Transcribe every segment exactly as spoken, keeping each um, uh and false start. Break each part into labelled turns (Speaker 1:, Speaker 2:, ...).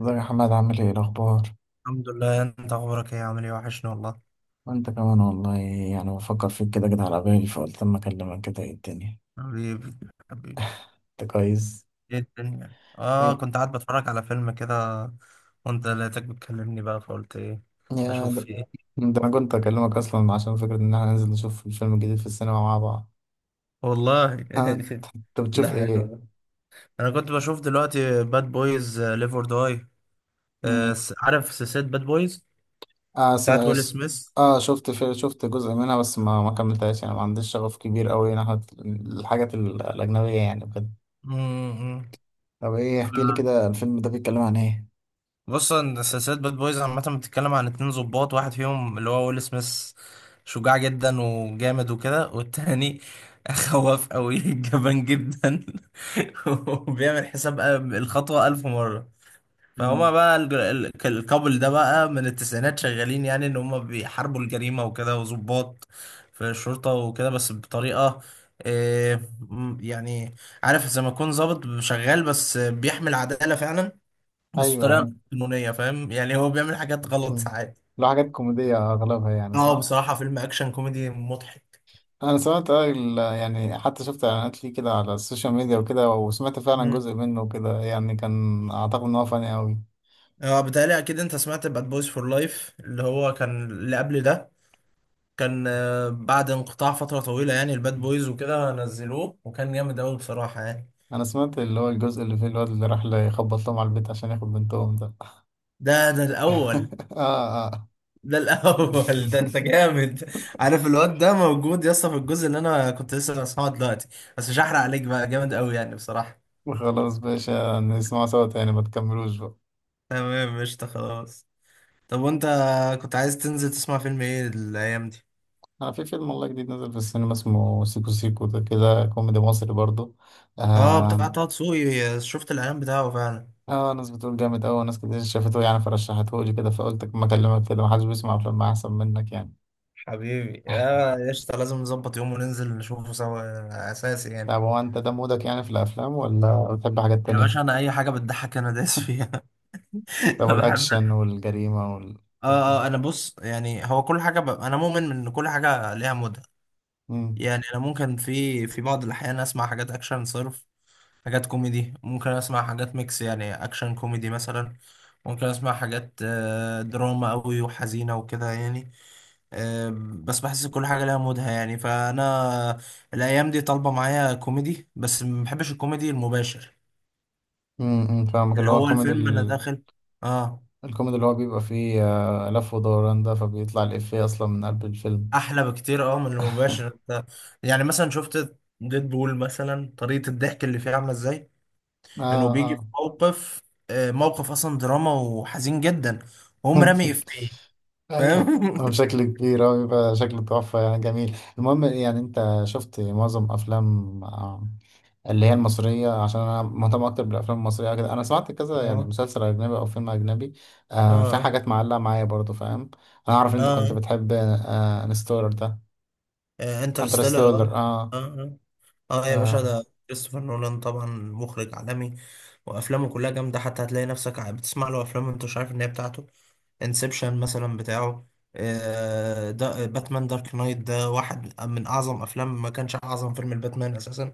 Speaker 1: ازيك يا حماد؟ عامل ايه الاخبار؟
Speaker 2: الحمد لله. انت اخبارك ايه، عامل ايه؟ وحشني والله.
Speaker 1: وانت كمان والله. يعني بفكر فيك كده كده على بالي فقلت اما اكلمك كده. ايه الدنيا؟
Speaker 2: حبيبي، حبيبي.
Speaker 1: انت كويس؟
Speaker 2: ايه الدنيا؟ اه
Speaker 1: ايه
Speaker 2: كنت قاعد بتفرج على فيلم كده، وانت لقيتك بتكلمني بقى فقلت ايه،
Speaker 1: يا
Speaker 2: اشوف
Speaker 1: ده,
Speaker 2: في ايه.
Speaker 1: ده انا كنت اكلمك اصلا عشان فكرة ان احنا ننزل نشوف الفيلم الجديد في السينما مع بعض.
Speaker 2: والله.
Speaker 1: ها، انت إنت
Speaker 2: ده
Speaker 1: بتشوف
Speaker 2: حلو
Speaker 1: ايه؟
Speaker 2: ده. انا كنت بشوف دلوقتي باد بويز ليفر داي.
Speaker 1: مم.
Speaker 2: عارف سلسلة باد بويز
Speaker 1: اه س...
Speaker 2: بتاعت ويل
Speaker 1: س-
Speaker 2: سميث؟
Speaker 1: اه شفت في... شفت جزء منها بس ما ما كملتهاش، يعني ما عنديش شغف كبير قوي ناحية الحاجات ال- الاجنبية يعني بجد.
Speaker 2: مم،
Speaker 1: طب ايه، احكي لي
Speaker 2: مم.
Speaker 1: كده الفيلم ده بيتكلم عن ايه؟
Speaker 2: بص، ان سلسله باد بويز عامه بتتكلم عن اتنين ظباط. واحد فيهم اللي هو ويل سميث شجاع جدا وجامد وكده، والتاني خواف قوي جبان جدا وبيعمل حساب الخطوه ألف مره. فهما
Speaker 1: مم.
Speaker 2: بقى الج- ال- الكابل ده بقى من التسعينات شغالين، يعني ان هما بيحاربوا الجريمه وكده، وظباط في الشرطه وكده، بس بطريقه، آه، م- يعني عارف زي ما يكون ظابط شغال بس بيحمل عداله فعلا، بس
Speaker 1: ايوه
Speaker 2: بطريقه غير
Speaker 1: ايوه.
Speaker 2: قانونيه، فاهم يعني. هو بيعمل حاجات غلط
Speaker 1: مم.
Speaker 2: ساعات.
Speaker 1: لو حاجات كوميدية أغلبها يعني،
Speaker 2: اه،
Speaker 1: صح؟
Speaker 2: بصراحة فيلم اكشن كوميدي مضحك.
Speaker 1: أنا سمعت آه، ال- يعني حتى شفت إعلانات ليه كده على السوشيال ميديا وكده، وسمعت فعلا
Speaker 2: مم.
Speaker 1: جزء منه كده، يعني كان أعتقد إن هو فاني أوي.
Speaker 2: اه، بتهيألي اكيد انت سمعت باد بويز فور لايف اللي هو كان اللي قبل ده. كان آه، بعد انقطاع فتره طويله يعني الباد بويز وكده نزلوه، وكان جامد قوي بصراحه يعني.
Speaker 1: أنا سمعت اللي هو الجزء اللي فيه الواد اللي راح يخبط لهم على البيت عشان ياخد بنتهم ده.
Speaker 2: ده ده الاول.
Speaker 1: آه آه.
Speaker 2: ده الاول. ده انت جامد. عارف الواد ده موجود يا اسطى في الجزء اللي انا كنت لسه بسمعه دلوقتي، بس مش هحرق عليك. بقى جامد قوي يعني بصراحه.
Speaker 1: وخلاص باشا، نسمعه سوا تاني، ما تكملوش بقى.
Speaker 2: تمام، قشطة، خلاص. طب وانت كنت عايز تنزل تسمع فيلم ايه الايام دي؟
Speaker 1: أنا في فيلم والله جديد نزل في السينما، اسمه سيكو سيكو، ده كده كوميدي مصري برضه.
Speaker 2: اه، بتاع
Speaker 1: آه،
Speaker 2: طه دسوقي، شفت الاعلان بتاعه فعلا.
Speaker 1: اه ناس بتقول جامد اوي، ناس كتير شافته يعني فرشحته لي كده، فقلت ما اكلمك كده، محدش بيسمع افلام احسن منك يعني.
Speaker 2: حبيبي، يا يا قشطة. لازم نظبط يوم وننزل نشوفه سوا اساسي يعني.
Speaker 1: طب هو انت ده مودك يعني في الافلام، ولا بتحب حاجات
Speaker 2: يا
Speaker 1: تانية؟
Speaker 2: باشا، انا اي حاجه بتضحك انا دايس فيها.
Speaker 1: طب
Speaker 2: أنا بحب.
Speaker 1: الاكشن والجريمة
Speaker 2: اه،
Speaker 1: والحاجات دي؟
Speaker 2: اه، آه، انا بص، يعني هو كل حاجه ب... انا مؤمن ان كل حاجه ليها مودها.
Speaker 1: امم.
Speaker 2: يعني انا ممكن في في بعض الاحيان اسمع حاجات اكشن صرف، حاجات كوميدي، ممكن اسمع حاجات ميكس يعني اكشن كوميدي مثلا، ممكن اسمع حاجات آه، دراما قوي وحزينه وكده يعني. أم، بس بحس كل حاجة لها مودها يعني. فأنا الأيام دي طالبة معايا كوميدي، بس ما بحبش الكوميدي المباشر.
Speaker 1: امم، فاهمك، اللي
Speaker 2: اللي
Speaker 1: هو
Speaker 2: هو
Speaker 1: الكوميدي
Speaker 2: الفيلم أنا
Speaker 1: ال-
Speaker 2: داخل آه
Speaker 1: الكوميدي اللي هو بيبقى فيه آه، لف ودوران، ده فبيطلع الإفيه اصلا من قلب الفيلم.
Speaker 2: أحلى بكتير أه من المباشر. أنت- يعني مثلا شفت ديد بول مثلا، طريقة الضحك اللي فيه عاملة إزاي. إنه
Speaker 1: اه
Speaker 2: بيجي في
Speaker 1: اه.
Speaker 2: موقف آه، موقف أصلا دراما وحزين جدا، وهم رامي إفيه.
Speaker 1: ايوه،
Speaker 2: فاهم.
Speaker 1: هو بشكل كبير هو بيبقى شكله تحفة يعني، جميل. المهم يعني انت شفت معظم افلام آه، اللي هي المصرية؟ عشان أنا مهتم أكتر بالأفلام المصرية كده، أنا سمعت كذا يعني
Speaker 2: آه،
Speaker 1: مسلسل أجنبي أو فيلم أجنبي. آه في
Speaker 2: آه،
Speaker 1: حاجات معلقة معايا برضو، فاهم؟ أنا أعرف إن أنت كنت
Speaker 2: آه،
Speaker 1: بتحب آه انستولر ده.
Speaker 2: انترستيلر، آه Interstellar،
Speaker 1: انترستولر،
Speaker 2: آه.
Speaker 1: آه.
Speaker 2: آه. اه يا باشا،
Speaker 1: آه.
Speaker 2: ده كريستوفر نولان طبعا مخرج عالمي، وافلامه كلها جامده. حتى هتلاقي نفسك ع- بتسمع له افلام انت مش عارف ان هي بتاعته. انسبشن مثلا بتاعه، آه، ده باتمان دارك نايت ده واحد من اعظم افلام. ما كانش اعظم فيلم الباتمان اساسا،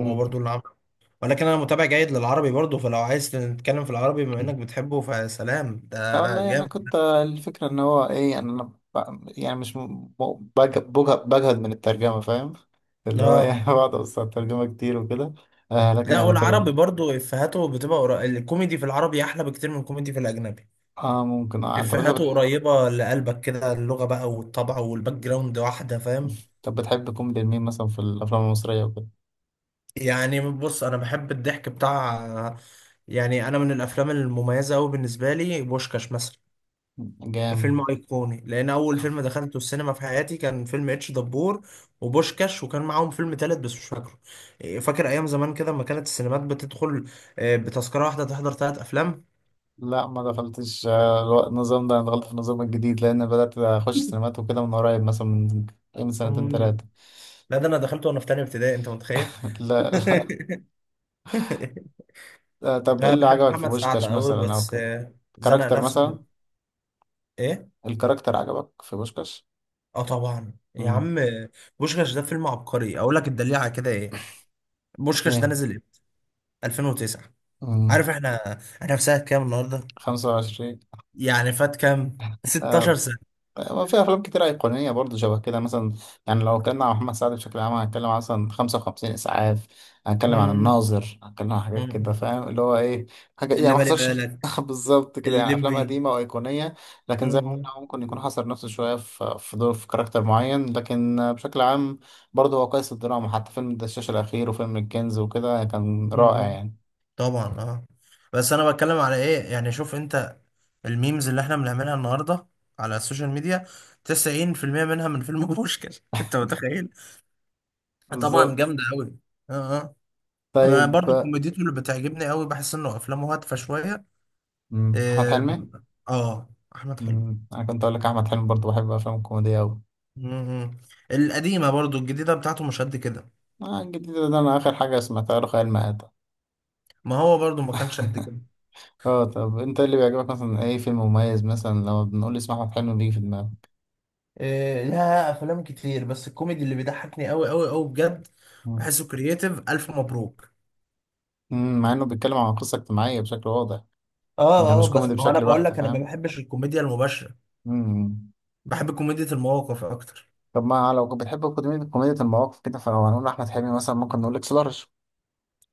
Speaker 2: هو برضو اللي عمله. ولكن انا متابع جيد للعربي برضو، فلو عايز نتكلم في العربي بما انك بتحبه، فسلام
Speaker 1: لا
Speaker 2: ده
Speaker 1: والله أنا
Speaker 2: جامد.
Speaker 1: كنت آه، الفكرة إن هو إيه، يعني أنا ب- يعني مش م- م- بج- بجه- بجهد من الترجمة، فاهم؟ اللي هو إيه،
Speaker 2: اه.
Speaker 1: بقعد أبص على الترجمة كتير وكده. آه لكن
Speaker 2: لا،
Speaker 1: يعني في
Speaker 2: والعربي
Speaker 1: ال...
Speaker 2: برضو افهاته بتبقى قرا- الكوميدي في العربي احلى بكتير من الكوميدي في الاجنبي.
Speaker 1: آه ممكن. آه طب أنت
Speaker 2: افهاته
Speaker 1: بتح...
Speaker 2: قريبة لقلبك كده، اللغة بقى والطبع والباك جراوند واحدة، فاهم.
Speaker 1: طب بتحب كوميدي مين مثلا في الأفلام المصرية؟
Speaker 2: يعني بص، انا بحب الضحك بتاع، يعني انا من الافلام المميزة قوي بالنسبة لي بوشكاش مثلا.
Speaker 1: جامد.
Speaker 2: فيلم ايقوني، لان اول فيلم دخلته السينما في حياتي كان فيلم اتش دبور وبوشكاش، وكان معاهم فيلم تالت بس مش فاكره. فاكر ايام زمان كده لما كانت السينمات بتدخل آه، بتذكرة واحدة تحضر ثلاث افلام.
Speaker 1: لا ما دخلتش آه، الو- النظام ده، انا دخلت في النظام الجديد، لان بدات اخش سينمات وكده من قريب، مثلا من من سنتين
Speaker 2: مم.
Speaker 1: ثلاثه.
Speaker 2: لا، ده انا دخلته وانا في تانية ابتدائي، انت متخيل؟
Speaker 1: لا, لا آه، طب ايه
Speaker 2: انا
Speaker 1: اللي
Speaker 2: بحب
Speaker 1: عجبك في
Speaker 2: محمد سعد
Speaker 1: بوشكاش
Speaker 2: قوي،
Speaker 1: مثلا او
Speaker 2: بس
Speaker 1: كده؟
Speaker 2: آه، زنق
Speaker 1: كاركتر
Speaker 2: نفسه في
Speaker 1: مثلا؟
Speaker 2: ايه.
Speaker 1: الكاركتر عجبك في بوشكاش؟
Speaker 2: اه طبعا يا
Speaker 1: امم.
Speaker 2: عم. آه، بوشكاش ده فيلم عبقري، اقول لك الدليل على كده ايه. بوشكاش ده
Speaker 1: ايه.
Speaker 2: نزل امتى؟ ألفين وتسعة. عارف
Speaker 1: امم.
Speaker 2: احنا احنا في سنه كام النهارده؟
Speaker 1: خمسة وعشرين.
Speaker 2: يعني فات كام، ستة عشر سنه.
Speaker 1: ما في افلام كتير ايقونيه برضه شبه كده مثلا. يعني لو اتكلمنا عن محمد سعد بشكل عام، هنتكلم عن مثلا خمسة وخمسين اسعاف، هنتكلم عن
Speaker 2: مم.
Speaker 1: الناظر، هنتكلم عن حاجات كده،
Speaker 2: مم.
Speaker 1: فاهم اللي هو ايه، حاجه يعني
Speaker 2: اللي
Speaker 1: ما
Speaker 2: بالي
Speaker 1: حصلش
Speaker 2: بالك،
Speaker 1: بالظبط كده يعني، افلام
Speaker 2: الليمبي.
Speaker 1: قديمه وايقونيه. لكن زي ما قلنا،
Speaker 2: مم.
Speaker 1: هو ممكن يكون حصر نفسه شويه في في دور في كاركتر معين، لكن بشكل عام برضه هو قيس الدراما، حتى فيلم الدشاش الاخير وفيلم الكنز وكده كان رائع
Speaker 2: مم.
Speaker 1: يعني.
Speaker 2: طبعا، اه. بس انا بتكلم على ايه، يعني شوف انت الميمز اللي احنا بنعملها النهارده على السوشيال ميديا، تسعين في المية منها من فيلم بوشكاش. انت متخيل. طبعا
Speaker 1: بالظبط.
Speaker 2: جامده قوي. اه، اه. انا
Speaker 1: طيب.
Speaker 2: برضو كوميديته اللي بتعجبني قوي، بحس انه افلامه هادفه شويه.
Speaker 1: مم، احمد حلمي.
Speaker 2: أم، اه، احمد حلمي.
Speaker 1: مم، انا كنت اقول لك احمد حلمي برضه، بحب افلام الكوميديا.
Speaker 2: مم. القديمه، برضو الجديده بتاعته مش قد كده.
Speaker 1: آه الجديد ده أنا آخر حاجة سمعتها له خيال مآتة.
Speaker 2: ما هو برضو ما كانش قد كده.
Speaker 1: اه طب أنت إيه اللي بيعجبك مثلا، أي فيلم مميز مثلا لو بنقول اسم أحمد حلمي بيجي في دماغك؟
Speaker 2: إيه، لها افلام كتير، بس الكوميدي اللي بيضحكني قوي قوي قوي بجد،
Speaker 1: مم.
Speaker 2: بحسه كرييتيف الف مبروك.
Speaker 1: مم، مع إنه بيتكلم عن قصة اجتماعية بشكل واضح،
Speaker 2: اه،
Speaker 1: يعني
Speaker 2: اه،
Speaker 1: مش
Speaker 2: بس
Speaker 1: كوميدي
Speaker 2: ما هو انا
Speaker 1: بشكل
Speaker 2: بقول
Speaker 1: بحت،
Speaker 2: لك، انا ما
Speaker 1: فاهم؟
Speaker 2: بحبش الكوميديا المباشره.
Speaker 1: مم.
Speaker 2: بحب كوميديا المواقف اكتر.
Speaker 1: طب ما لو كنت بتحب كوميدي، كوميديا المواقف كده، فلو هنقول أحمد حلمي مثلا، ممكن نقول لك سلارش.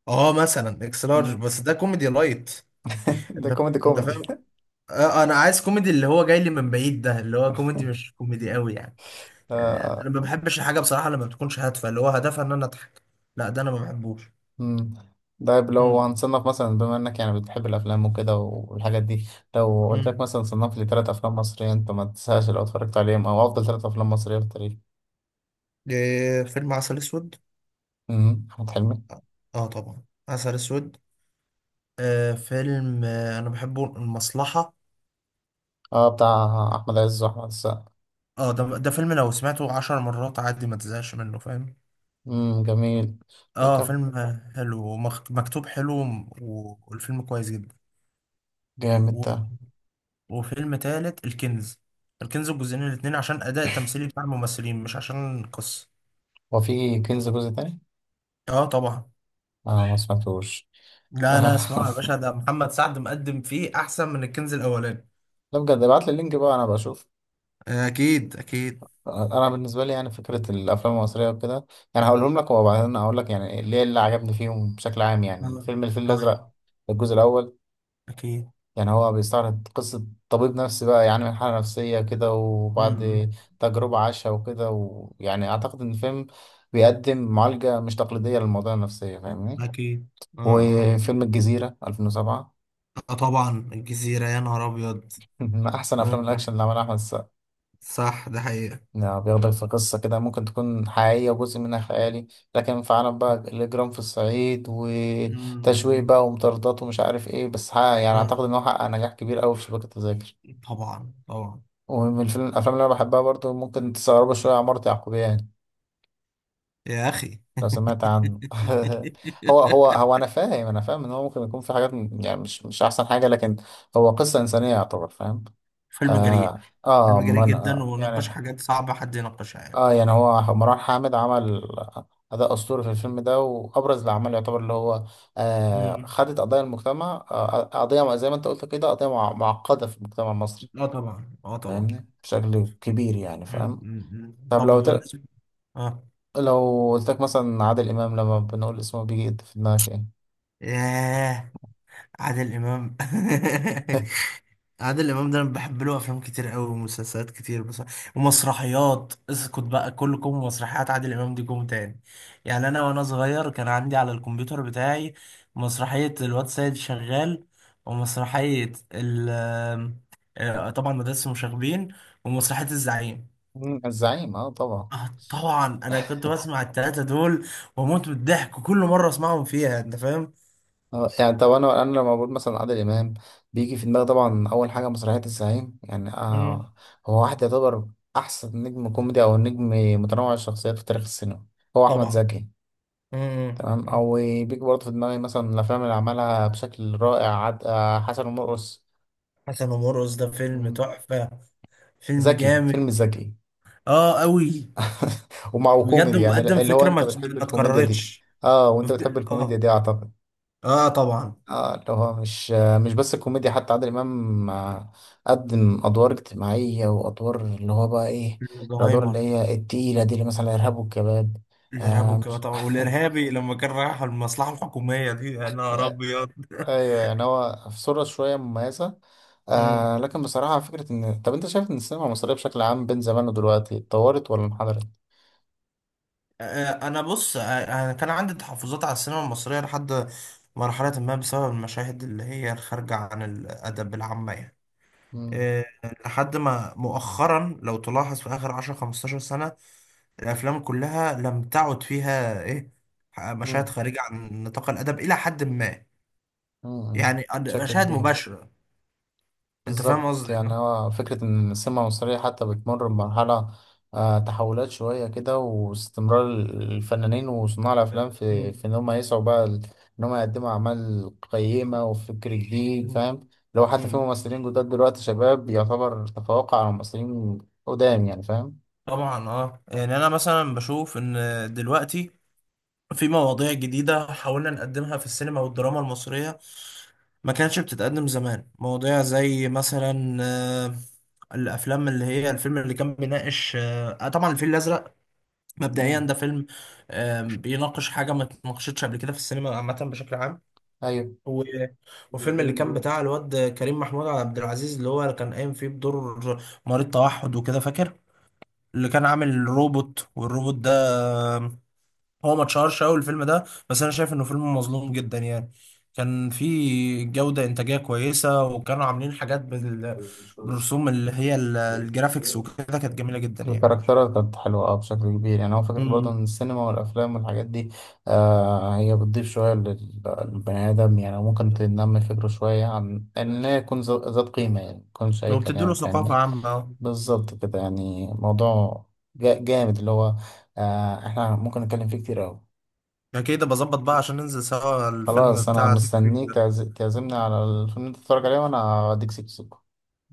Speaker 2: اه، مثلا اكس لارج،
Speaker 1: مم.
Speaker 2: بس ده كوميدي لايت.
Speaker 1: ده
Speaker 2: انت،
Speaker 1: كوميدي
Speaker 2: انت
Speaker 1: كوميدي.
Speaker 2: فاهم. آه، انا عايز كوميدي اللي هو جاي لي من بعيد، ده اللي هو كوميدي، مش كوميدي قوي يعني. انا ما بحبش الحاجه بصراحه لما بتكونش هادفه، اللي هو هدفها ان انا اضحك. لا، ده انا ما بحبوش.
Speaker 1: مم. طيب لو
Speaker 2: امم.
Speaker 1: هنصنف مثلا، بما انك يعني بتحب الافلام وكده والحاجات دي، لو قلت لك
Speaker 2: امم.
Speaker 1: مثلا صنف لي ثلاث افلام مصريه انت ما تنساش لو اتفرجت عليهم، او افضل ثلاث افلام مصريه في التاريخ.
Speaker 2: إيه، فيلم عسل اسود.
Speaker 1: امم، احمد حلمي.
Speaker 2: اه طبعا، عسل اسود. آه فيلم، آه انا بحبه، المصلحه.
Speaker 1: اه بتاع احمد عز واحمد السقا.
Speaker 2: اه، ده ده فيلم لو سمعته عشر مرات عادي ما تزهقش منه، فاهم.
Speaker 1: امم جميل.
Speaker 2: اه،
Speaker 1: وكم.
Speaker 2: فيلم آه، حلو، ومكتوب حلو. و- والفيلم كويس جدا.
Speaker 1: جامد ده.
Speaker 2: وفيلم تالت، الكنز الكنز، الجزئين الاتنين، عشان أداء التمثيلي بتاع الممثلين مش عشان القصة.
Speaker 1: هو في كنز جزء تاني؟
Speaker 2: اه طبعا.
Speaker 1: اه ما سمعتوش.
Speaker 2: لا، لا، اسمعوا يا باشا، ده محمد سعد مقدم فيه أحسن من الكنز الأولاني.
Speaker 1: لا بجد، ابعت لي اللينك بقى انا بشوف.
Speaker 2: اكيد، اكيد.
Speaker 1: انا بالنسبه لي يعني فكره الافلام المصريه وكده، يعني هقولهم لك وبعدين اقول لك يعني ليه اللي عجبني فيهم بشكل عام. يعني
Speaker 2: آه،
Speaker 1: فيلم الفيل
Speaker 2: طيب.
Speaker 1: الازرق الجزء الاول،
Speaker 2: أكيد.
Speaker 1: يعني هو بيستعرض قصه طبيب نفسي بقى، يعني من حاله نفسيه كده وبعد
Speaker 2: امم.
Speaker 1: تجربه عاشها وكده، ويعني اعتقد ان الفيلم بيقدم معالجه مش تقليديه للمواضيع النفسيه، فاهمني؟
Speaker 2: أكيد. اه، اه،
Speaker 1: وفيلم الجزيره ألفين وسبعة،
Speaker 2: آه، طبعا الجزيرة، يا نهار أبيض.
Speaker 1: من احسن
Speaker 2: آه،
Speaker 1: افلام
Speaker 2: آه،
Speaker 1: الاكشن اللي عملها احمد.
Speaker 2: صح ده حقيقة.
Speaker 1: يعني بياخدك في قصة كده ممكن تكون حقيقية وجزء منها خيالي، لكن في عالم بقى الإجرام في الصعيد، وتشويق
Speaker 2: أمم،
Speaker 1: بقى ومطاردات ومش عارف إيه، بس ها يعني
Speaker 2: آه،
Speaker 1: أعتقد إن هو حقق نجاح كبير أوي في شبكة التذاكر.
Speaker 2: طبعا طبعا.
Speaker 1: ومن الفيلم الأفلام اللي أنا بحبها برضو، ممكن تستغربوا شوية، عمارة يعقوبيان، يعني
Speaker 2: يا اخي.
Speaker 1: لو سمعت عنه. هو هو هو أنا فاهم، أنا فاهم إن هو ممكن يكون في حاجات م- يعني مش مش أحسن حاجة، لكن هو قصة إنسانية يعتبر، فاهم؟
Speaker 2: فيلم جريء.
Speaker 1: آه.
Speaker 2: فيلم
Speaker 1: آه
Speaker 2: جريء
Speaker 1: من
Speaker 2: جدا،
Speaker 1: آه
Speaker 2: وناقش
Speaker 1: يعني،
Speaker 2: حاجات صعبة حد يناقشها يعني.
Speaker 1: اه يعني هو مروان حامد عمل أداء أسطوري في الفيلم ده، وأبرز الأعمال يعتبر، اللي هو آه
Speaker 2: امم.
Speaker 1: خدت قضايا المجتمع، آه قضية زي ما أنت قلت كده، قضية مع- معقدة في المجتمع المصري،
Speaker 2: اه طبعا، اه طبعا.
Speaker 1: فاهمني بشكل كبير يعني،
Speaker 2: مم.
Speaker 1: فاهم؟
Speaker 2: امم،
Speaker 1: طب
Speaker 2: طب
Speaker 1: لو تل...
Speaker 2: بالنسبة، اه،
Speaker 1: لو قلت لك مثلا عادل إمام لما بنقول اسمه بيجي في دماغك إيه؟
Speaker 2: ياه. عادل امام. عادل امام ده انا بحب له افلام كتير قوي ومسلسلات كتير، بس. ومسرحيات، اسكت بقى. كلكم مسرحيات عادل امام دي كوم تاني. يعني انا وانا صغير كان عندي على الكمبيوتر بتاعي مسرحية الواد سيد شغال، ومسرحية ال آه، طبعا، مدرسة المشاغبين، ومسرحية الزعيم.
Speaker 1: مم، الزعيم، اه طبعا.
Speaker 2: اه طبعا، انا كنت بسمع التلاتة دول واموت من الضحك، وكل مرة اسمعهم فيها انت فاهم.
Speaker 1: اه يعني طب، انا انا لما بقول مثلا عادل امام بيجي في دماغي طبعا اول حاجه مسرحيه الزعيم، يعني
Speaker 2: مم.
Speaker 1: آه هو واحد يعتبر احسن نجم كوميدي، او نجم متنوع الشخصيات في تاريخ السينما هو احمد
Speaker 2: طبعا.
Speaker 1: زكي.
Speaker 2: مم.
Speaker 1: تمام. او بيجي برضه في دماغي مثلا الافلام اللي عملها بشكل رائع، عد... آه حسن ومرقص.
Speaker 2: حسن ومرقص، ده فيلم
Speaker 1: مم.
Speaker 2: تحفة. فيلم
Speaker 1: زكي،
Speaker 2: جامد.
Speaker 1: فيلم زكي.
Speaker 2: اه، قوي.
Speaker 1: ومع،
Speaker 2: بجد،
Speaker 1: وكوميدي يعني
Speaker 2: وبقدم
Speaker 1: اللي هو
Speaker 2: فكرة
Speaker 1: انت
Speaker 2: ما
Speaker 1: بتحب
Speaker 2: ما
Speaker 1: الكوميديا دي.
Speaker 2: اتكررتش.
Speaker 1: اه، وانت بتحب الكوميديا
Speaker 2: اه.
Speaker 1: دي اعتقد.
Speaker 2: اه طبعا.
Speaker 1: اه اللي هو مش مش بس الكوميديا، حتى عادل امام آه، قدم ادوار اجتماعيه، وادوار اللي هو بقى ايه، الادوار اللي
Speaker 2: الزهايمر.
Speaker 1: هي التقيله دي، اللي مثلا الارهاب والكباب.
Speaker 2: الارهاب
Speaker 1: آه
Speaker 2: والكباب
Speaker 1: مش.
Speaker 2: طبعا، والارهابي لما كان رايح المصلحة الحكومية دي، يا نهار
Speaker 1: آه،
Speaker 2: ابيض.
Speaker 1: ايوه، يعني هو في صوره شويه مميزه.
Speaker 2: مم.
Speaker 1: آه لكن بصراحه، فكره ان، طب انت شايف ان السينما المصريه بشكل عام بين زمان ودلوقتي اتطورت ولا انحدرت؟
Speaker 2: آه، آه، انا بص. آه، انا كان عندي تحفظات على السينما المصرية لحد مرحلة ما، بسبب المشاهد اللي هي الخارجة عن الأدب العامة يعني.
Speaker 1: مم،
Speaker 2: آه، لحد ما مؤخرا، لو تلاحظ في آخر عشرة خمستاشر سنة الافلام كلها لم تعد فيها ايه، مشاهد
Speaker 1: مم،
Speaker 2: خارجه عن نطاق الادب الى حد ما،
Speaker 1: مم، مم،
Speaker 2: يعني
Speaker 1: بشكل
Speaker 2: مشاهد
Speaker 1: كبير.
Speaker 2: مباشره. انت فاهم
Speaker 1: بالظبط.
Speaker 2: قصدي
Speaker 1: يعني
Speaker 2: صح؟
Speaker 1: هو فكرة إن السمة المصرية حتى بتمر بمرحلة آه، تحولات شوية كده، واستمرار الفنانين وصناع الأفلام في
Speaker 2: مم.
Speaker 1: في إن هم يسعوا بقى ال- إن هم يقدموا أعمال قيمة وفكر جديد،
Speaker 2: مم.
Speaker 1: فاهم؟ لو حتى في
Speaker 2: مم.
Speaker 1: ممثلين جداد دلوقتي شباب يعتبر تفوق على ممثلين قدام يعني، فاهم؟
Speaker 2: طبعا اه، يعني انا مثلا بشوف ان دلوقتي في مواضيع جديدة حاولنا نقدمها في السينما والدراما المصرية، ما كانتش بتتقدم زمان. مواضيع زي مثلا آه، الافلام اللي هي الفيلم اللي كان بيناقش، آه، طبعا الفيل الازرق. مبدئيا
Speaker 1: مم.
Speaker 2: ده فيلم آم، بيناقش حاجة ما اتناقشتش قبل كده في السينما عامة بشكل عام. و... وفيلم اللي كان بتاع الواد كريم محمود عبد العزيز، اللي هو اللي كان قايم فيه بدور مريض توحد وكده، فاكر. اللي كان عامل روبوت، والروبوت ده آم، هو ما اتشهرش قوي الفيلم ده، بس انا شايف انه فيلم مظلوم جدا يعني. كان فيه جودة إنتاجية كويسة، وكانوا عاملين حاجات بال...
Speaker 1: أيوه.
Speaker 2: بالرسوم اللي هي ال- الجرافيكس وكده، كانت جميلة جدا يعني.
Speaker 1: الكاركترات كانت حلوة أه بشكل كبير. يعني هو فكرة برضه
Speaker 2: امم.
Speaker 1: إن السينما والأفلام والحاجات دي آه هي بتضيف شوية لل- للبني آدم، يعني ممكن تنمي فكره شوية عن إن هي يكون ذا- ذات قيمة، يعني ميكونش أي
Speaker 2: وبتديله
Speaker 1: كلام،
Speaker 2: ثقافة
Speaker 1: فاهمني؟
Speaker 2: عامة.
Speaker 1: بالظبط كده. يعني موضوع جا- جامد، اللي هو آه إحنا ممكن نتكلم فيه كتير أوي.
Speaker 2: انا كده بظبط بقى عشان ننزل سوا الفيلم
Speaker 1: خلاص، أنا
Speaker 2: بتاع سيكو سيكو
Speaker 1: مستنيك
Speaker 2: ده.
Speaker 1: تعز- تعزمني على الفيلم اللي أنت تتفرج عليه، وأنا هديك سكسوكة.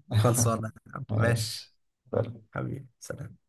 Speaker 2: خلصانة. ماشي.
Speaker 1: ماشي.
Speaker 2: حبيبي سلام.